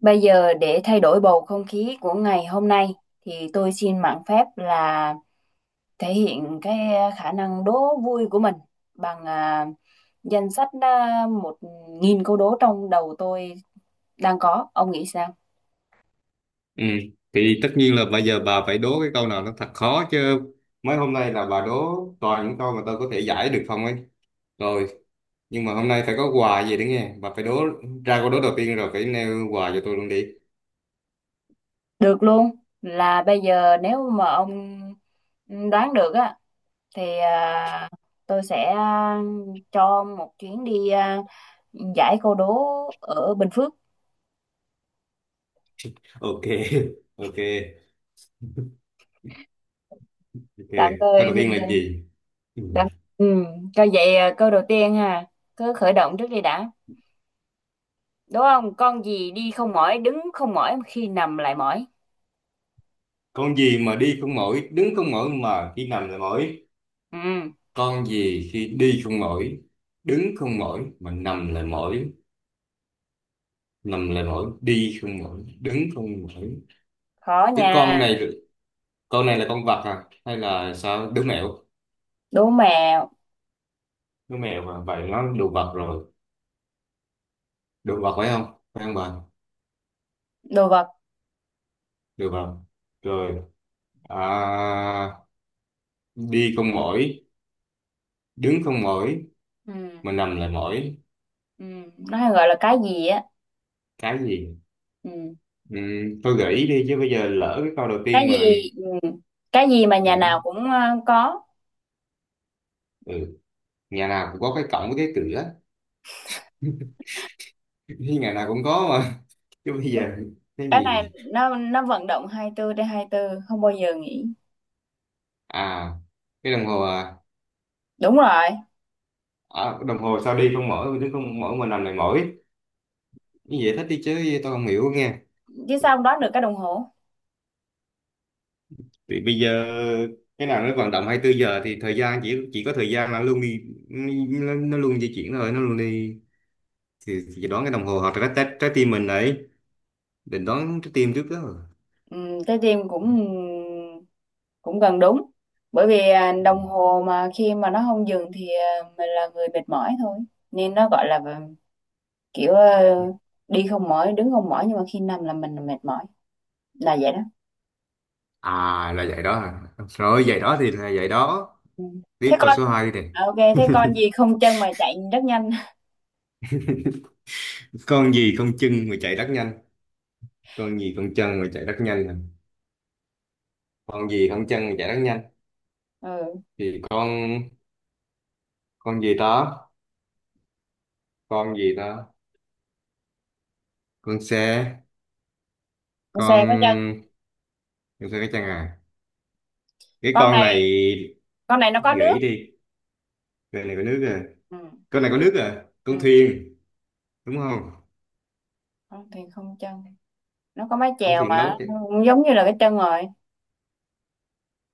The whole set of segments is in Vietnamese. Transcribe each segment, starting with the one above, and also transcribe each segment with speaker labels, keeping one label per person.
Speaker 1: Bây giờ để thay đổi bầu không khí của ngày hôm nay thì tôi xin mạn phép thể hiện khả năng đố vui của mình bằng danh sách một nghìn câu đố trong đầu tôi đang có. Ông nghĩ sao?
Speaker 2: Ừ. Thì tất nhiên là bây giờ bà phải đố cái câu nào nó thật khó chứ, mấy hôm nay là bà đố toàn những câu mà tôi có thể giải được không ấy. Rồi nhưng mà hôm nay phải có quà gì đấy nghe, bà phải đố ra câu đố đầu tiên rồi phải nêu quà cho tôi luôn đi.
Speaker 1: Được luôn. Là bây giờ nếu mà ông đoán được á thì tôi sẽ cho ông một chuyến đi giải câu đố ở Bình Phước.
Speaker 2: Ok ok ok,
Speaker 1: Tạm
Speaker 2: câu
Speaker 1: thời
Speaker 2: đầu
Speaker 1: thì
Speaker 2: tiên là gì ừ.
Speaker 1: đã. Ừ, coi vậy câu đầu tiên ha, cứ khởi động trước đi đã. Đúng không? Con gì đi không mỏi, đứng không mỏi mà khi nằm lại mỏi.
Speaker 2: Con gì mà đi không mỏi, đứng không mỏi mà khi nằm lại mỏi?
Speaker 1: Ừ,
Speaker 2: Con gì khi đi không mỏi, đứng không mỏi mà nằm lại mỏi? Nằm lại mỏi, đi không mỏi, đứng không mỏi.
Speaker 1: khó
Speaker 2: Cái con
Speaker 1: nha.
Speaker 2: này, con này là con vật à hay là sao, đứa mèo?
Speaker 1: Đố mẹo,
Speaker 2: Đứa mèo mà vậy nó đồ vật rồi. Đồ vật phải không, phải không bà?
Speaker 1: đồ vật.
Speaker 2: Đồ vật rồi. à, Đi con mỏi, đứng con mỏi,
Speaker 1: Ừ,
Speaker 2: mà nằm lại mỏi.
Speaker 1: ừ, nó hay gọi là cái gì á.
Speaker 2: Cái gì?
Speaker 1: Ừ,
Speaker 2: ừ, tôi gợi ý đi chứ bây giờ lỡ cái câu đầu
Speaker 1: cái
Speaker 2: tiên mà.
Speaker 1: gì ừ, cái gì mà
Speaker 2: ừ,
Speaker 1: nhà nào cũng có.
Speaker 2: ừ. Nhà nào cũng có cái cổng với cái cửa. Thì ngày nào cũng có mà, chứ bây giờ cái
Speaker 1: Cái này
Speaker 2: gì?
Speaker 1: nó vận động 24 trên hai mươi tư không bao giờ nghỉ.
Speaker 2: À, cái đồng hồ à?
Speaker 1: Đúng rồi,
Speaker 2: À đồng hồ, sao đi không mỏi, đứng không mỏi, mình nằm lại mỏi? Như vậy thích đi chứ tôi không hiểu nghe.
Speaker 1: chứ sao không đoán được cái đồng hồ?
Speaker 2: Thì bây giờ cái nào nó vận động 24 giờ thì thời gian, chỉ có thời gian là luôn đi, nó luôn di chuyển thôi, nó luôn đi. Thì đoán cái đồng hồ hoặc là trái tim mình đấy, định đoán trái tim trước đó rồi.
Speaker 1: Trái tim cũng cũng gần đúng bởi vì đồng hồ mà khi mà nó không dừng thì mình là người mệt mỏi thôi nên nó gọi là kiểu à, đi không mỏi đứng không mỏi nhưng mà khi nằm là mình mệt mỏi là vậy đó.
Speaker 2: À là vậy đó à. Rồi vậy đó thì là vậy đó.
Speaker 1: Ừ. thế
Speaker 2: Tiếp câu
Speaker 1: con
Speaker 2: số hai đi nè.
Speaker 1: thế con gì không chân mà chạy rất nhanh?
Speaker 2: Con gì không chân mà chạy rất nhanh? Con gì không chân mà chạy rất nhanh nè? Con gì không chân mà chạy rất nhanh?
Speaker 1: Ừ,
Speaker 2: Thì con gì đó, con gì đó, con xe,
Speaker 1: con xe có chân.
Speaker 2: con con xe cái chân à? Cái
Speaker 1: con
Speaker 2: con
Speaker 1: này
Speaker 2: này,
Speaker 1: con này nó có nước.
Speaker 2: gợi đi. Con này có nước à?
Speaker 1: Ừ.
Speaker 2: Con này có nước à, con
Speaker 1: Ừ,
Speaker 2: thuyền, đúng không?
Speaker 1: con thì không chân, nó có mái
Speaker 2: Con
Speaker 1: chèo
Speaker 2: thuyền
Speaker 1: mà
Speaker 2: đâu
Speaker 1: nó
Speaker 2: chứ.
Speaker 1: cũng giống như là cái chân rồi.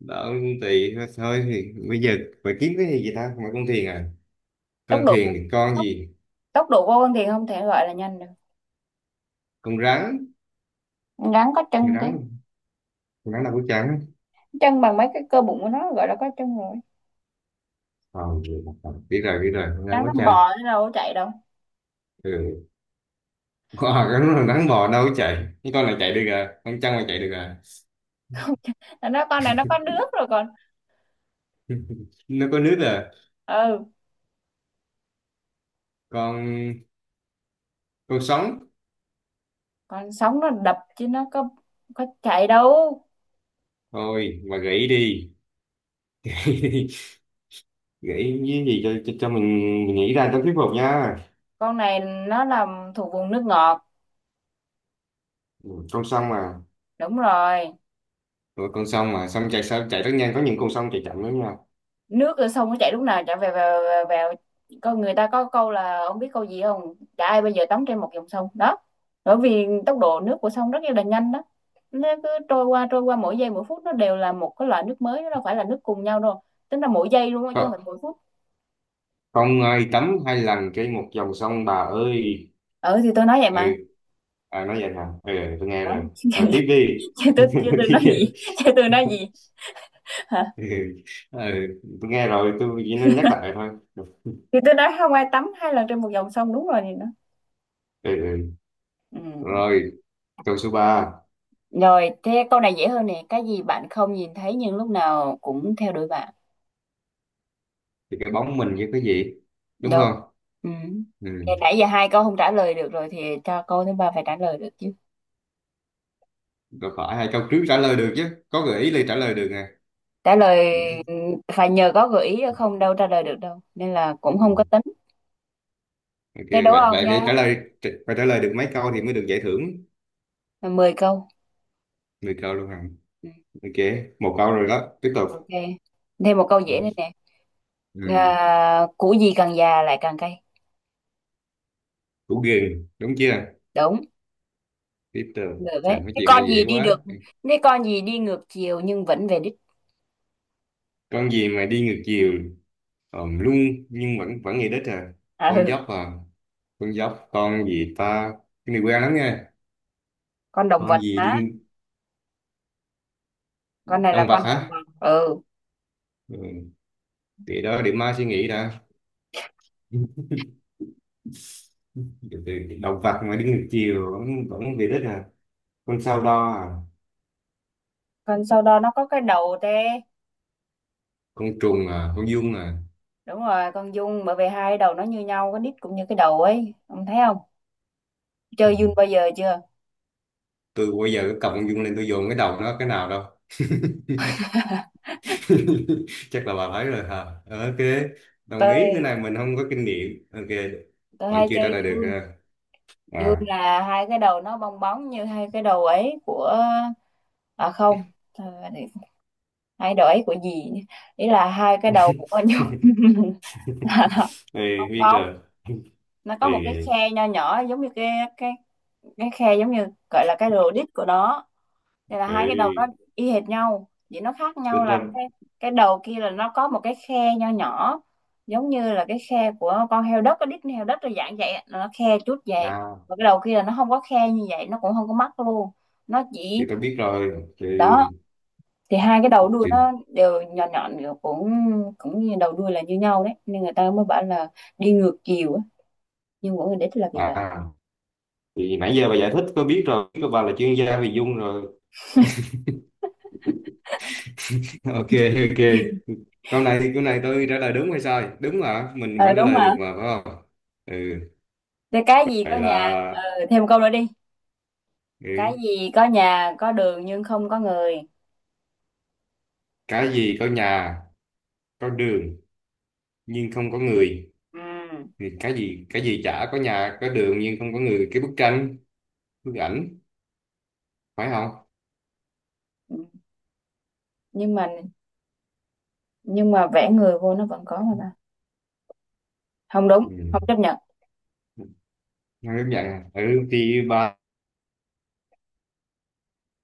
Speaker 2: Đó, tùy thôi. Thì bây giờ phải kiếm cái gì vậy ta, mà con thuyền à?
Speaker 1: tốc
Speaker 2: Con
Speaker 1: độ
Speaker 2: thuyền thì con
Speaker 1: tốc,
Speaker 2: gì?
Speaker 1: tốc độ của con thì không thể gọi là nhanh được.
Speaker 2: Con rắn,
Speaker 1: Rắn có
Speaker 2: con
Speaker 1: chân tí,
Speaker 2: rắn. Con rắn đâu có trắng.
Speaker 1: chân bằng mấy cái cơ bụng của nó gọi là có chân rồi.
Speaker 2: Ờ, biết rồi biết rồi, con rắn
Speaker 1: Rắn
Speaker 2: có
Speaker 1: nó
Speaker 2: trăng.
Speaker 1: bò chứ đâu có chạy đâu.
Speaker 2: Ừ. Ờ, cái con rắn, rắn bò đâu có chạy, cái con này chạy được à, con trăng mà chạy được à?
Speaker 1: Nó nói con này nó có nước rồi còn.
Speaker 2: Nó có nước à?
Speaker 1: Ừ,
Speaker 2: con con sống.
Speaker 1: còn sống nó đập chứ nó có chạy đâu.
Speaker 2: Thôi mà gãy đi. Nghĩ cái gì cho mình nghĩ ra cho thuyết phục nha.
Speaker 1: Con này nó làm thuộc vùng nước ngọt.
Speaker 2: Ừ, con sông mà.
Speaker 1: Đúng rồi.
Speaker 2: Ừ, con sông mà sông chạy, sao chạy rất nhanh, có những con sông chạy chậm lắm nha.
Speaker 1: Nước ở sông nó chảy, lúc nào chảy về vào vào, con người ta có câu là ông biết câu gì không, chả ai bây giờ tắm trên một dòng sông đó, bởi vì tốc độ nước của sông rất là nhanh đó, nó cứ trôi qua mỗi giây mỗi phút, nó đều là một cái loại nước mới, nó đâu phải là nước cùng nhau đâu. Tính là mỗi giây luôn á chứ không
Speaker 2: Không,
Speaker 1: phải mỗi phút.
Speaker 2: không ai tắm hai lần trên một dòng sông bà ơi.
Speaker 1: Ừ thì tôi nói vậy
Speaker 2: Ừ.
Speaker 1: mà.
Speaker 2: Nói vậy hả, ừ, tôi nghe
Speaker 1: Ủa?
Speaker 2: rồi. Rồi tiếp đi.
Speaker 1: chứ tôi chứ tôi nói
Speaker 2: Tiếp đi.
Speaker 1: gì? Chứ tôi nói gì? Hả?
Speaker 2: Ừ, ừ, tôi nghe rồi, tôi chỉ nói nhắc lại thôi. Ừ,
Speaker 1: Thì tôi nói không ai tắm hai lần trên một dòng sông đúng rồi thì nó.
Speaker 2: ừ.
Speaker 1: Ừ.
Speaker 2: Rồi, câu số 3.
Speaker 1: Rồi thế câu này dễ hơn nè, cái gì bạn không nhìn thấy nhưng lúc nào cũng theo đuổi bạn.
Speaker 2: Thì cái bóng mình với cái gì, đúng
Speaker 1: Đâu.
Speaker 2: không?
Speaker 1: Ừ. Thì
Speaker 2: Ừ.
Speaker 1: nãy giờ hai câu không trả lời được rồi thì cho câu thứ ba phải trả lời được chứ.
Speaker 2: Rồi, phải hai câu trước trả lời được chứ, có gợi ý là trả lời được nè.
Speaker 1: Trả lời, ừ, phải nhờ có gợi ý chứ không đâu trả lời được đâu. Nên là cũng không
Speaker 2: Ừ.
Speaker 1: có tính.
Speaker 2: Ok,
Speaker 1: Thế đố
Speaker 2: vậy
Speaker 1: ông
Speaker 2: vậy phải
Speaker 1: nha.
Speaker 2: trả lời, phải trả lời được mấy câu thì mới được giải thưởng.
Speaker 1: Mười câu.
Speaker 2: Mười câu luôn hả?
Speaker 1: Ừ.
Speaker 2: Ok, một câu rồi đó. Tiếp tục.
Speaker 1: Ok. Thêm một câu dễ nữa
Speaker 2: Ừ,
Speaker 1: nè.
Speaker 2: ừ,
Speaker 1: À, củ gì càng già lại càng cay.
Speaker 2: củ gừng, đúng chưa?
Speaker 1: Đúng.
Speaker 2: Tiếp tục.
Speaker 1: Được
Speaker 2: Trời,
Speaker 1: đấy.
Speaker 2: mấy
Speaker 1: Cái
Speaker 2: chuyện
Speaker 1: con
Speaker 2: này
Speaker 1: gì
Speaker 2: dễ
Speaker 1: đi
Speaker 2: quá.
Speaker 1: được. Cái con gì đi ngược chiều nhưng vẫn về đích.
Speaker 2: Con gì mà đi ngược chiều, ồm luôn, nhưng vẫn vẫn về đích à?
Speaker 1: À,
Speaker 2: Con
Speaker 1: ừ.
Speaker 2: dốc à? Con dốc, con gì ta? Cái này quen lắm nha.
Speaker 1: Con động
Speaker 2: Con
Speaker 1: vật
Speaker 2: gì đi,
Speaker 1: má. Con này là
Speaker 2: động vật
Speaker 1: con động
Speaker 2: hả?
Speaker 1: vật. Ừ.
Speaker 2: Ừ, để đó để mai suy nghĩ đã. Từ từ, động vật mà đi ngược chiều vẫn vẫn về đích à? Con sao đo à?
Speaker 1: Con sau đó nó có cái đầu tê.
Speaker 2: Con trùng à? Con giun à?
Speaker 1: Đúng rồi, con Dung, bởi vì hai đầu nó như nhau, cái nít cũng như cái đầu ấy, ông thấy không?
Speaker 2: Ừ.
Speaker 1: Chơi Dung bao giờ chưa?
Speaker 2: Tôi bây giờ cái cầm con Dung lên, tôi dồn cái đầu nó cái nào đâu. Chắc là bà thấy rồi hả. Ok, đồng ý, cái
Speaker 1: Tôi
Speaker 2: này mình không có kinh nghiệm, ok.
Speaker 1: tôi
Speaker 2: Vẫn
Speaker 1: hay
Speaker 2: chưa trả
Speaker 1: chơi
Speaker 2: lời được
Speaker 1: Dung.
Speaker 2: ha.
Speaker 1: Dung
Speaker 2: À,
Speaker 1: là hai cái đầu nó bong bóng như hai cái đầu ấy của à không, ờ, để- hai đầu ấy của gì nhỉ? Ý là hai cái đầu của con Dung là
Speaker 2: ê,
Speaker 1: bong
Speaker 2: biết
Speaker 1: bóng,
Speaker 2: rồi.
Speaker 1: nó có
Speaker 2: Ê,
Speaker 1: một cái
Speaker 2: ê,
Speaker 1: khe nho nhỏ giống như cái cái khe, giống như gọi là cái rô đít của nó. Thì là
Speaker 2: ê,
Speaker 1: hai cái đầu nó y hệt nhau, chỉ nó khác
Speaker 2: tính
Speaker 1: nhau là
Speaker 2: ra,
Speaker 1: cái đầu kia là nó có một cái khe nho nhỏ giống như là cái khe của con heo đất, cái đít heo đất là dạng vậy á, nó khe chút vậy.
Speaker 2: à,
Speaker 1: Và cái đầu kia là nó không có khe như vậy, nó cũng không có mắt luôn, nó
Speaker 2: thì
Speaker 1: chỉ,
Speaker 2: tôi biết rồi.
Speaker 1: đó. Thì hai cái đầu đuôi
Speaker 2: Thì
Speaker 1: nó đều nhọn nhọn, đều cũng, cũng như đầu đuôi là như nhau đấy, nên người ta mới bảo là đi ngược chiều á nhưng mỗi người đích là vì vậy.
Speaker 2: À, thì nãy giờ bà giải thích tôi biết rồi, biết bà là chuyên gia về dung rồi. Ok, ok, câu này, thì câu này tôi trả lời đúng hay sai, đúng mà mình
Speaker 1: Ờ
Speaker 2: vẫn trả
Speaker 1: đúng
Speaker 2: lời
Speaker 1: mà.
Speaker 2: được mà phải không? Ừ.
Speaker 1: Thế cái gì có
Speaker 2: Vậy là,
Speaker 1: nhà ờ, thêm câu nữa đi.
Speaker 2: ừ,
Speaker 1: Cái gì có nhà có đường nhưng không có người.
Speaker 2: cái gì có nhà có đường nhưng không có người?
Speaker 1: Ừ.
Speaker 2: Thì cái gì, cái gì chả có nhà có đường nhưng không có người, cái bức tranh, bức ảnh, phải không?
Speaker 1: Ừ. Nhưng mà, nhưng mà vẽ người vô nó vẫn có mà ta. Không đúng,
Speaker 2: Ừ.
Speaker 1: không chấp nhận.
Speaker 2: Nói đúng vậy à. Ừ, thì ba,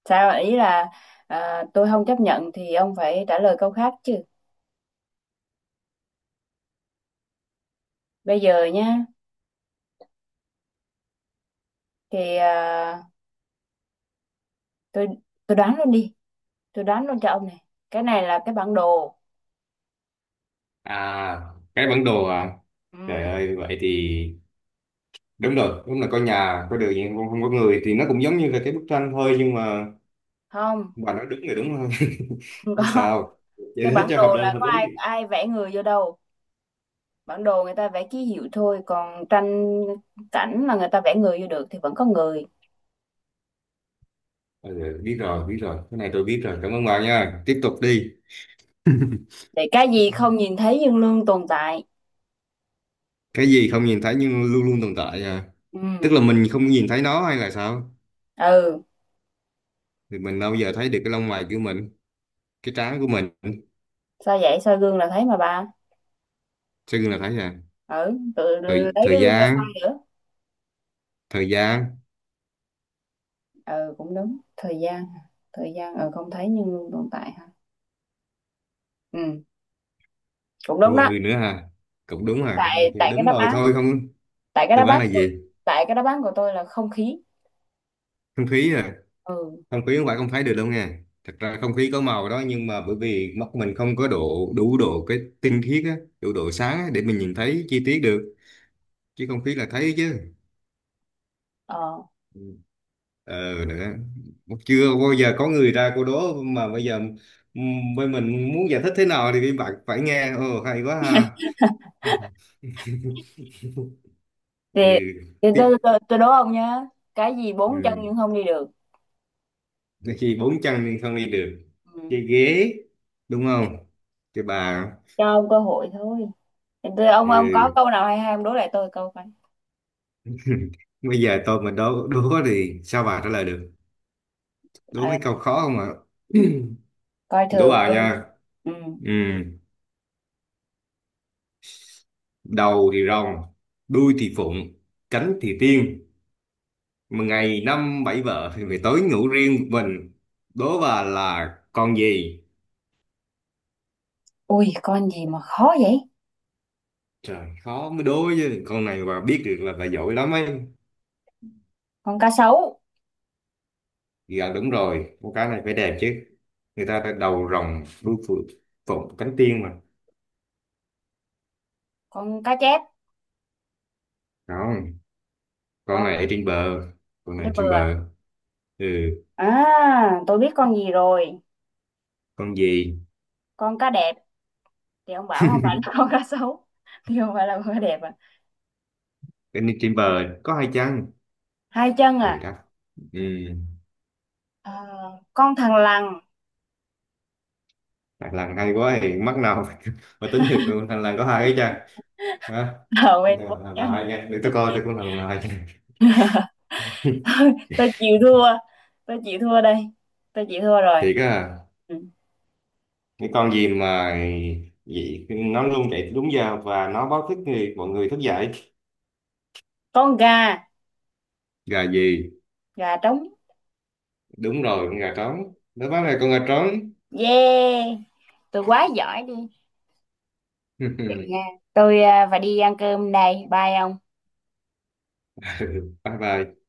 Speaker 1: Sao ý là tôi không chấp nhận thì ông phải trả lời câu khác chứ. Bây giờ nhá, thì tôi tôi đoán luôn đi, tôi đoán luôn cho ông này, cái này là cái bản đồ.
Speaker 2: à cái bản đồ à,
Speaker 1: Ừ.
Speaker 2: trời ơi vậy thì đúng rồi, đúng là có nhà có đường nhưng không có người, thì nó cũng giống như là cái bức tranh thôi nhưng mà
Speaker 1: không
Speaker 2: bà nói đúng rồi, đúng không?
Speaker 1: không
Speaker 2: Chứ
Speaker 1: có,
Speaker 2: sao.
Speaker 1: cái
Speaker 2: Vậy hết
Speaker 1: bản
Speaker 2: cho hợp
Speaker 1: đồ
Speaker 2: lên
Speaker 1: là
Speaker 2: hợp
Speaker 1: có
Speaker 2: lý.
Speaker 1: ai ai vẽ người vô đâu, bản đồ người ta vẽ ký hiệu thôi, còn tranh cảnh là người ta vẽ người vô được thì vẫn có người.
Speaker 2: Ừ, biết rồi biết rồi, cái này tôi biết rồi, cảm ơn bà nha, tiếp tục đi.
Speaker 1: Thì cái gì không nhìn thấy nhưng luôn tồn tại.
Speaker 2: Cái gì không nhìn thấy nhưng luôn luôn tồn tại à? Tức
Speaker 1: Ừ.
Speaker 2: là mình không nhìn thấy nó hay là sao?
Speaker 1: Ừ,
Speaker 2: Thì mình đâu giờ thấy được cái lông mày của mình, cái trán của mình.
Speaker 1: sao vậy, soi gương là thấy mà bà.
Speaker 2: Sao gương là thấy à?
Speaker 1: Ừ, tự lấy
Speaker 2: thời
Speaker 1: cái
Speaker 2: thời
Speaker 1: gương ra soi
Speaker 2: gian,
Speaker 1: nữa.
Speaker 2: thời gian.
Speaker 1: Ừ cũng đúng, thời gian, thời gian ừ không thấy nhưng luôn tồn tại ha. Ừ, cũng đúng
Speaker 2: Ủa,
Speaker 1: đó.
Speaker 2: ừ nữa à, cũng đúng à?
Speaker 1: tại
Speaker 2: Ok,
Speaker 1: tại cái
Speaker 2: đúng
Speaker 1: đáp
Speaker 2: rồi
Speaker 1: án
Speaker 2: thôi không.
Speaker 1: tại cái
Speaker 2: Đáp
Speaker 1: đáp án
Speaker 2: án là gì?
Speaker 1: tại cái đáp án của tôi là không khí.
Speaker 2: Không khí à?
Speaker 1: Ừ.
Speaker 2: Không khí không phải không thấy được đâu nha, thật ra không khí có màu đó nhưng mà bởi vì mắt mình không có độ, đủ độ cái tinh khiết á, đủ độ sáng á, để mình nhìn thấy chi tiết được. Chứ không khí là thấy chứ.
Speaker 1: Ờ
Speaker 2: Ờ nữa, chưa bao giờ có người ra cô đố mà bây giờ, bên mình muốn giải thích thế nào thì bạn phải nghe, ồ hay quá ha.
Speaker 1: thì,
Speaker 2: Ừ.
Speaker 1: thì
Speaker 2: Tiếp.
Speaker 1: tôi, tôi, tôi đố ông nhá, cái gì bốn chân
Speaker 2: Ừ.
Speaker 1: nhưng không đi được.
Speaker 2: Khi bốn chân nhưng không đi được,
Speaker 1: Ừ.
Speaker 2: cái ghế, đúng không? Cái bà.
Speaker 1: Cho ông cơ hội thôi. Thì tôi ông
Speaker 2: Ừ.
Speaker 1: ông có câu nào hay hay ông đố lại tôi câu coi.
Speaker 2: Bây giờ tôi mà đố đố thì sao bà trả lời được, đố mấy câu
Speaker 1: Ừ,
Speaker 2: khó không ạ?
Speaker 1: coi
Speaker 2: Đố
Speaker 1: thường
Speaker 2: bà
Speaker 1: ơi.
Speaker 2: nha.
Speaker 1: Ừ.
Speaker 2: Ừ. Đầu thì rồng, đuôi thì phụng, cánh thì tiên, mà ngày năm bảy vợ thì phải tối ngủ riêng một mình. Đố bà là con gì?
Speaker 1: Ui con gì mà khó vậy.
Speaker 2: Trời, khó mới đố chứ, con này bà biết được là bà giỏi lắm ấy.
Speaker 1: Con cá sấu.
Speaker 2: Dạ đúng rồi, con cá này phải đẹp chứ, người ta đã đầu rồng đuôi phượng, phụng cánh tiên mà.
Speaker 1: Con cá chép.
Speaker 2: Không, con
Speaker 1: Con
Speaker 2: này ở trên bờ. Con
Speaker 1: cá
Speaker 2: này trên
Speaker 1: bừa.
Speaker 2: bờ. Ừ.
Speaker 1: À, tôi biết con gì rồi.
Speaker 2: Con gì?
Speaker 1: Con cá đẹp, thì ông bảo không phải là con cá sấu thì không phải là con cá đẹp à.
Speaker 2: Cái này trên bờ, có hai chân.
Speaker 1: Hai chân
Speaker 2: Rồi
Speaker 1: à,
Speaker 2: đó. Ừ.
Speaker 1: à con thằn lằn.
Speaker 2: Thằng lằn hay quá, thì mắc nào mà mà tính được thằng lằn có hai cái chân. Hả?
Speaker 1: Ở bên bốn
Speaker 2: Thằng
Speaker 1: chân.
Speaker 2: lằn hai nha, để tôi coi, tôi cũng thằng lằn hai nha.
Speaker 1: Tôi chịu thua, tôi chịu thua đây, tôi chịu thua rồi.
Speaker 2: Thiệt á?
Speaker 1: Ừ.
Speaker 2: Cái con gì mà vậy, nó luôn chạy đúng giờ và nó báo thức người, mọi người thức dậy?
Speaker 1: Con gà.
Speaker 2: Gà gì?
Speaker 1: Gà trống.
Speaker 2: Đúng rồi, con gà trống đó, báo là con gà trống.
Speaker 1: Yeah, tôi quá giỏi đi. Vậy nha, tôi phải đi ăn cơm đây, bye ông.
Speaker 2: Bye bye.